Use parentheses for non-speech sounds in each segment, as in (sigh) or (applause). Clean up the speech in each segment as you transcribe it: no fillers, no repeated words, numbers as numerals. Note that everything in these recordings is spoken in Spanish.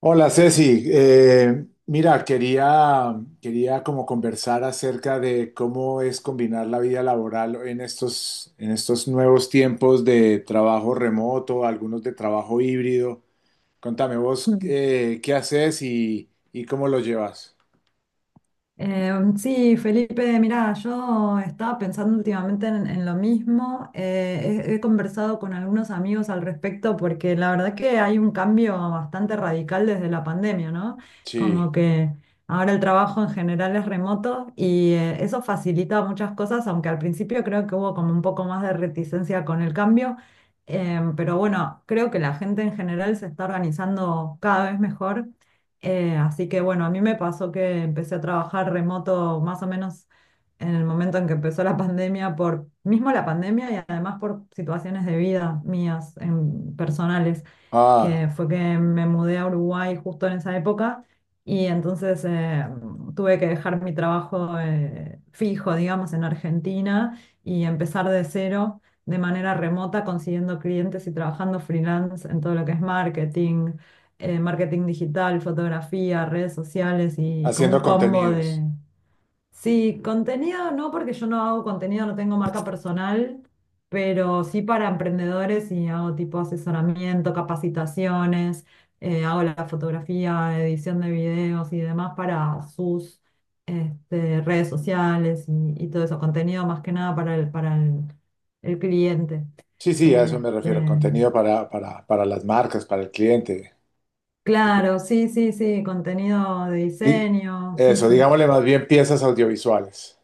Hola Ceci, mira, quería como conversar acerca de cómo es combinar la vida laboral en estos nuevos tiempos de trabajo remoto, algunos de trabajo híbrido. Contame vos Mm. Qué haces y cómo lo llevas. Sí, Felipe, mira, yo estaba pensando últimamente en lo mismo. He conversado con algunos amigos al respecto, porque la verdad que hay un cambio bastante radical desde la pandemia, ¿no? Sí, Como que ahora el trabajo en general es remoto y eso facilita muchas cosas, aunque al principio creo que hubo como un poco más de reticencia con el cambio. Pero bueno, creo que la gente en general se está organizando cada vez mejor. Así que bueno, a mí me pasó que empecé a trabajar remoto más o menos en el momento en que empezó la pandemia, por mismo la pandemia y además por situaciones de vida mías personales, ah, que fue que me mudé a Uruguay justo en esa época. Y entonces, tuve que dejar mi trabajo, fijo, digamos, en Argentina, y empezar de cero de manera remota, consiguiendo clientes y trabajando freelance en todo lo que es marketing, marketing digital, fotografía, redes sociales y como haciendo un combo contenidos. de. Sí, contenido no, porque yo no hago contenido, no tengo marca personal, pero sí para emprendedores, y hago tipo asesoramiento, capacitaciones, hago la fotografía, edición de videos y demás para sus, redes sociales, y todo eso, contenido más que nada para el cliente. Sí, sí, a eso me refiero, Este, contenido para las marcas, para el cliente. Ok. claro, sí, sí, sí, contenido de Di- diseño, sí, Eso, sí. digámosle más bien piezas audiovisuales.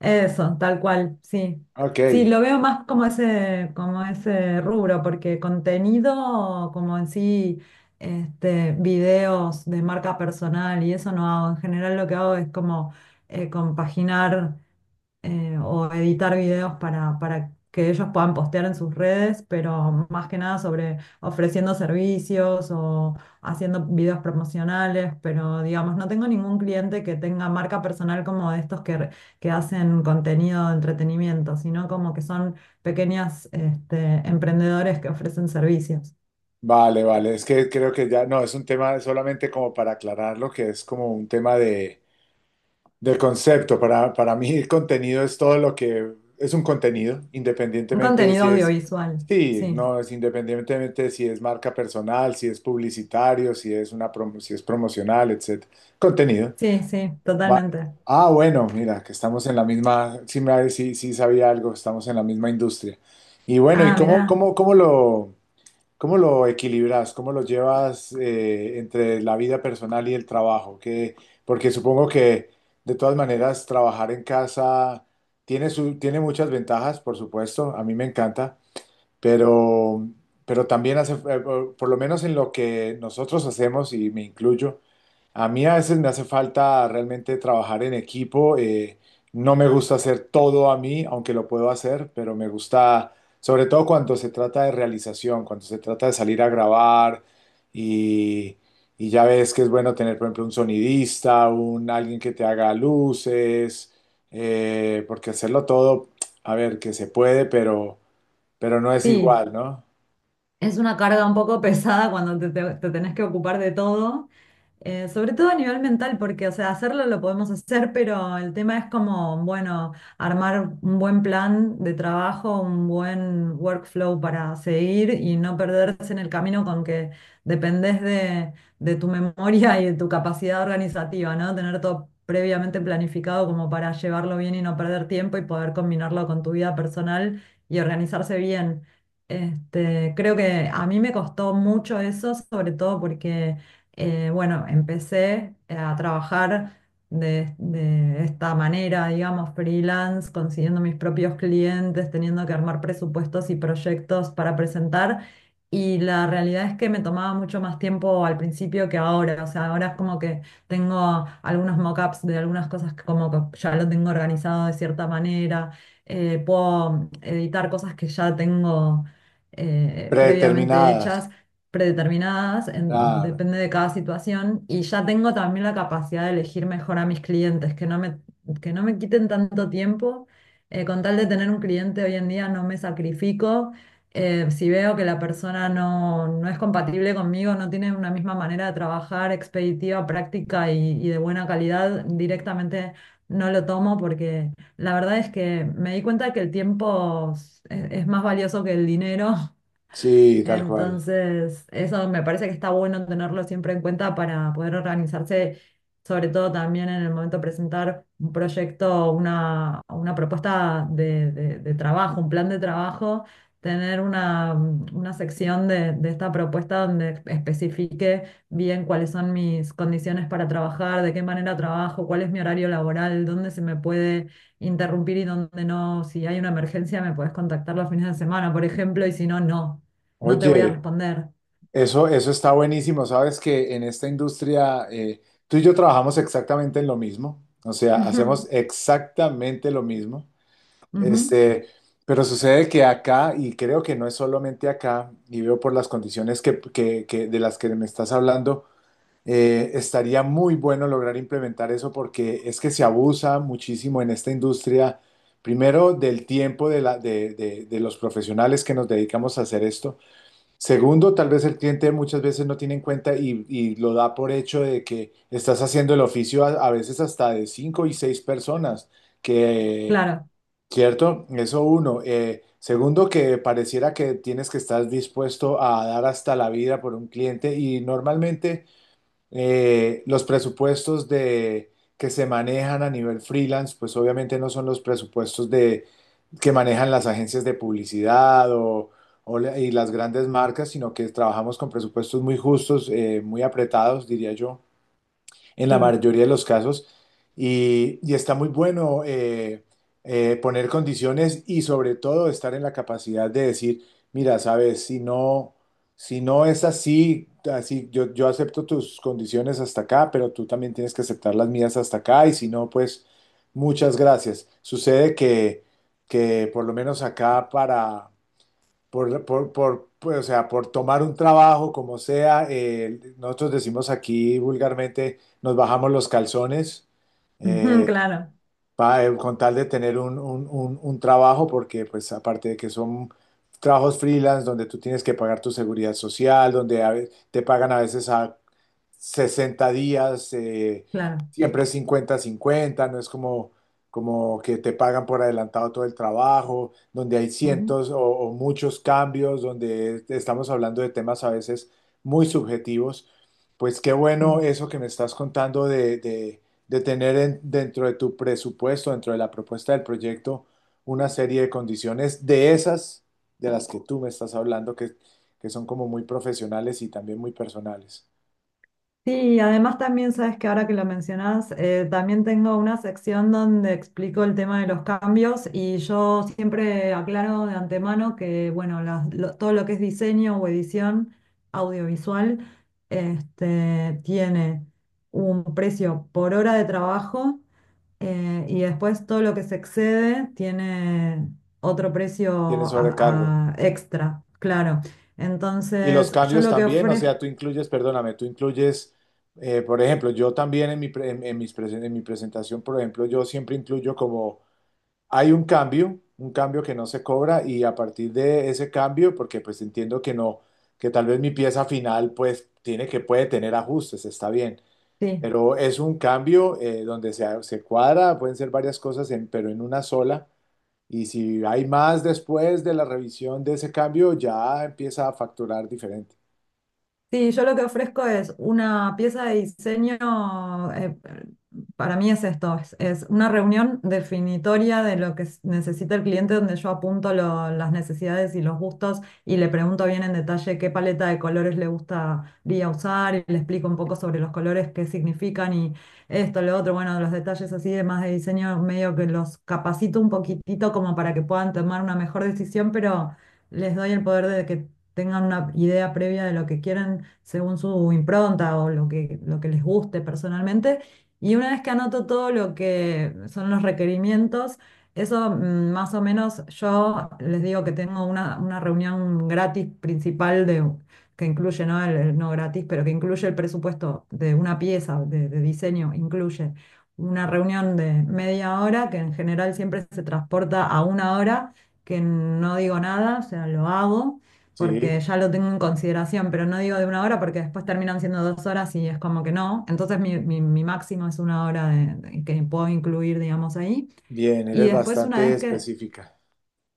Eso, tal cual, sí. Ok. Sí, lo veo más como ese rubro, porque contenido como en sí, videos de marca personal y eso no hago. En general lo que hago es como compaginar, o editar videos para que ellos puedan postear en sus redes, pero más que nada sobre ofreciendo servicios o haciendo videos promocionales. Pero digamos, no tengo ningún cliente que tenga marca personal como de estos que hacen contenido de entretenimiento, sino como que son pequeñas, emprendedores que ofrecen servicios. Vale, vale, es que creo que ya, no, es un tema solamente como para aclarar lo que es como un tema de concepto. Para mí el contenido es todo lo que es un contenido, Un independientemente de contenido si es, audiovisual, sí, sí, no, es independientemente de si es marca personal, si es publicitario, si es si es promocional, etcétera. Contenido. sí, sí, Va- totalmente. Ah, bueno, mira, que estamos en la misma, sí, sí, sí sabía algo, estamos en la misma industria. Y bueno, ¿y Ah, cómo, mirá, cómo, cómo lo? ¿Cómo lo equilibras? ¿Cómo lo llevas entre la vida personal y el trabajo? Que, porque supongo que de todas maneras trabajar en casa tiene muchas ventajas, por supuesto. A mí me encanta, pero, pero también hace, por lo menos en lo que nosotros hacemos, y me incluyo, a mí a veces me hace falta realmente trabajar en equipo. No me gusta hacer todo a mí, aunque lo puedo hacer, pero me gusta, sobre todo cuando se trata de realización, cuando se trata de salir a grabar y, y ya ves que es bueno tener, por ejemplo, un sonidista, un alguien que te haga luces, porque hacerlo todo, a ver, que se puede, pero no es sí. igual, ¿no? Es una carga un poco (laughs) pesada cuando te tenés que ocupar de todo, sobre todo a nivel mental, porque, o sea, hacerlo lo podemos hacer, pero el tema es como, bueno, armar un buen plan de trabajo, un buen workflow para seguir y no perderse en el camino con que dependés de tu memoria y de tu capacidad organizativa, ¿no? Tener todo previamente planificado como para llevarlo bien y no perder tiempo y poder combinarlo con tu vida personal y organizarse bien. Creo que a mí me costó mucho eso, sobre todo porque, bueno, empecé a trabajar de esta manera, digamos, freelance, consiguiendo mis propios clientes, teniendo que armar presupuestos y proyectos para presentar. Y la realidad es que me tomaba mucho más tiempo al principio que ahora. O sea, ahora es como que tengo algunos mockups de algunas cosas que como que ya lo tengo organizado de cierta manera. Puedo editar cosas que ya tengo, previamente Predeterminadas. hechas, predeterminadas, Claro. depende de cada situación. Y ya tengo también la capacidad de elegir mejor a mis clientes, que no me quiten tanto tiempo. Con tal de tener un cliente hoy en día no me sacrifico. Si veo que la persona no es compatible conmigo, no tiene una misma manera de trabajar expeditiva, práctica y de buena calidad, directamente no lo tomo, porque la verdad es que me di cuenta que el tiempo es más valioso que el dinero. Sí, tal cual. Entonces, eso me parece que está bueno tenerlo siempre en cuenta para poder organizarse, sobre todo también en el momento de presentar un proyecto, una propuesta de trabajo, un plan de trabajo, tener una sección de esta propuesta donde especifique bien cuáles son mis condiciones para trabajar, de qué manera trabajo, cuál es mi horario laboral, dónde se me puede interrumpir y dónde no. Si hay una emergencia, me puedes contactar los fines de semana, por ejemplo. Y si no, no no te voy a Oye, responder. eso está buenísimo. Sabes que en esta industria, tú y yo trabajamos exactamente en lo mismo. O sea, hacemos Ujú, exactamente lo mismo. ujú, Este, pero sucede que acá, y creo que no es solamente acá, y veo por las condiciones de las que me estás hablando. Estaría muy bueno lograr implementar eso porque es que se abusa muchísimo en esta industria. Primero, del tiempo de, la- de los profesionales que nos dedicamos a hacer esto. Segundo, tal vez el cliente muchas veces no tiene en cuenta y, lo da por hecho de que estás haciendo el oficio a veces hasta de cinco y seis personas, que, claro, ¿cierto? Eso uno. Segundo, que pareciera que tienes que estar dispuesto a dar hasta la vida por un cliente y normalmente. Los presupuestos que se manejan a nivel freelance, pues obviamente no son los presupuestos que manejan las agencias de publicidad o las grandes marcas, sino que trabajamos con presupuestos muy justos, muy apretados, diría yo, en la sí, mayoría de los casos. Y está muy bueno, poner condiciones y, sobre todo, estar en la capacidad de decir: mira, sabes, si no, es así, así yo acepto tus condiciones hasta acá, pero tú también tienes que aceptar las mías hasta acá y, si no, pues muchas gracias. Sucede que por lo menos acá, para por, pues, o sea, por tomar un trabajo, como sea, nosotros decimos aquí vulgarmente, nos bajamos los calzones. ujú, eh, claro, con tal de tener un trabajo, porque pues aparte de que son trabajos freelance donde tú tienes que pagar tu seguridad social, donde te pagan a veces a 60 días, claro. siempre cincuenta cincuenta, no es como, como que te pagan por adelantado todo el trabajo, donde hay Ujú, cientos o muchos cambios, donde estamos hablando de temas a veces muy subjetivos. Pues qué sí. bueno eso que me estás contando, de tener dentro de tu presupuesto, dentro de la propuesta del proyecto, una serie de condiciones de esas de las que tú me estás hablando, que son como muy profesionales y también muy personales. Sí, y además también sabes que ahora que lo mencionás, también tengo una sección donde explico el tema de los cambios. Y yo siempre aclaro de antemano que, bueno, todo lo que es diseño o edición audiovisual, tiene un precio por hora de trabajo. Y después todo lo que se excede tiene otro precio Tienes sobrecargo. a extra, claro. Y los Entonces, yo cambios lo que también, o sea, tú ofrezco, incluyes, perdóname, tú incluyes, por ejemplo, yo también en mi, pre- en mis presen- en mi presentación, por ejemplo, yo siempre incluyo como hay un cambio que no se cobra, y a partir de ese cambio, porque pues entiendo que no, que tal vez mi pieza final pues tiene que puede tener ajustes, está bien, sí. pero es un cambio donde se cuadra, pueden ser varias cosas, pero en una sola. Y si hay más después de la revisión de ese cambio, ya empieza a facturar diferente. Sí, yo lo que ofrezco es una pieza de diseño. eh, para mí es esto, es una reunión definitoria de lo que necesita el cliente, donde yo apunto las necesidades y los gustos, y le pregunto bien en detalle qué paleta de colores le gustaría usar, y le explico un poco sobre los colores, qué significan y esto, lo otro. Bueno, los detalles así de más de diseño, medio que los capacito un poquitito como para que puedan tomar una mejor decisión, pero les doy el poder de que tengan una idea previa de lo que quieren según su impronta o lo que les guste personalmente. Y una vez que anoto todo lo que son los requerimientos, eso más o menos yo les digo que tengo una reunión gratis principal que incluye, ¿no? El no gratis, pero que incluye el presupuesto de una pieza de diseño, incluye una reunión de media hora, que en general siempre se transporta a una hora, que no digo nada, o sea, lo hago Sí, porque ya lo tengo en consideración, pero no digo de una hora porque después terminan siendo 2 horas y es como que no. Entonces mi máximo es una hora que puedo incluir, digamos, ahí. bien, Y eres después una bastante vez que, específica.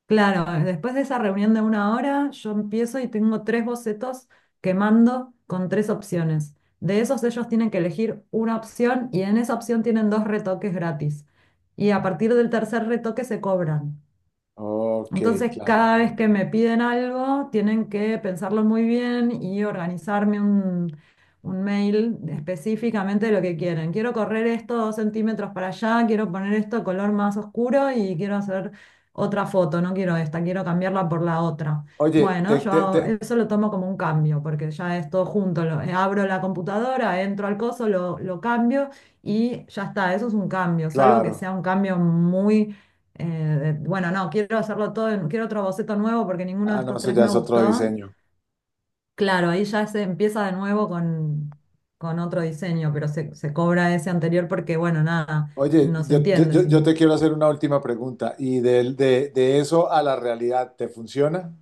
claro, después de esa reunión de una hora, yo empiezo y tengo tres bocetos que mando con tres opciones. De esos ellos tienen que elegir una opción, y en esa opción tienen dos retoques gratis. Y a partir del tercer retoque se cobran. Ok, Entonces, claro. cada Muy vez bien. que me piden algo, tienen que pensarlo muy bien y organizarme un mail específicamente de lo que quieren. Quiero correr esto 2 centímetros para allá, quiero poner esto color más oscuro y quiero hacer otra foto, no quiero esta, quiero cambiarla por la otra. Oye, Bueno, eso lo tomo como un cambio, porque ya es todo junto, abro la computadora, entro al coso, lo cambio y ya está. Eso es un cambio, salvo que claro. sea un cambio muy, eh, bueno, no, quiero hacerlo todo, quiero otro boceto nuevo porque ninguno de Ah, no, estos eso tres ya me es otro gustó. diseño. Claro, ahí ya se empieza de nuevo con otro diseño, pero se cobra ese anterior porque, bueno, nada, Oye, no se yo, yo- entiende, yo- yo sino. te quiero hacer una última pregunta. ¿Y de eso a la realidad, te funciona?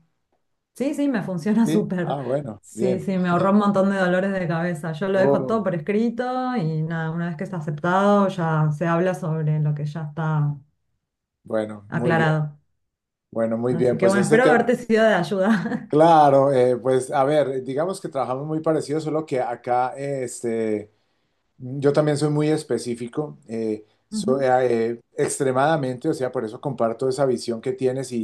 Sí, sí, me (laughs) funciona ¿Sí? súper. Ah, bueno, Sí, bien. sí, me ahorró un montón de dolores de cabeza. Yo lo dejo Oh, todo por escrito y nada, una vez que está aceptado ya se habla sobre lo que ya está bueno, muy bien. aclarado. Bueno, muy bien. Así que Pues bueno, este espero tema, haberte sido de ayuda. claro, pues a ver, digamos que trabajamos muy parecido, solo que acá, yo también soy muy específico, (laughs) soy, Ujú, extremadamente, o sea, por eso comparto esa visión que tienes y,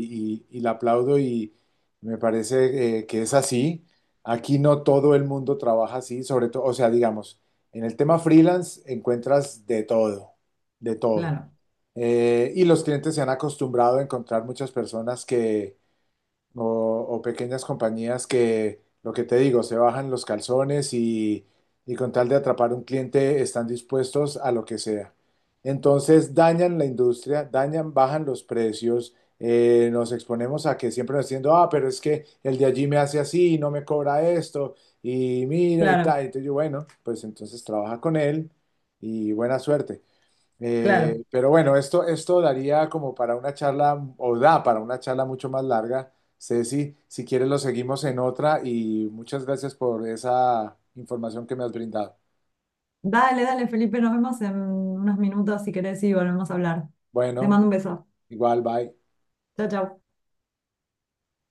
y- y la aplaudo, y me parece, que es así. Aquí no todo el mundo trabaja así, sobre todo, o sea, digamos, en el tema freelance encuentras de todo, de todo. claro, Y los clientes se han acostumbrado a encontrar muchas personas o, o pequeñas compañías que, lo que te digo, se bajan los calzones y con tal de atrapar un cliente están dispuestos a lo que sea. Entonces dañan la industria, dañan, bajan los precios, nos exponemos a que siempre nos diciendo, ah, pero es que el de allí me hace así, no me cobra esto, y mira y tal. claro, Entonces yo, bueno, pues entonces trabaja con él y buena suerte. claro. Pero bueno, esto daría como para una charla, o da para una charla mucho más larga. Ceci, si quieres lo seguimos en otra y muchas gracias por esa información que me has brindado. Dale, dale, Felipe, nos vemos en unos minutos si querés y volvemos a hablar. Te Bueno, mando un beso. igual, bye. Chao, chao.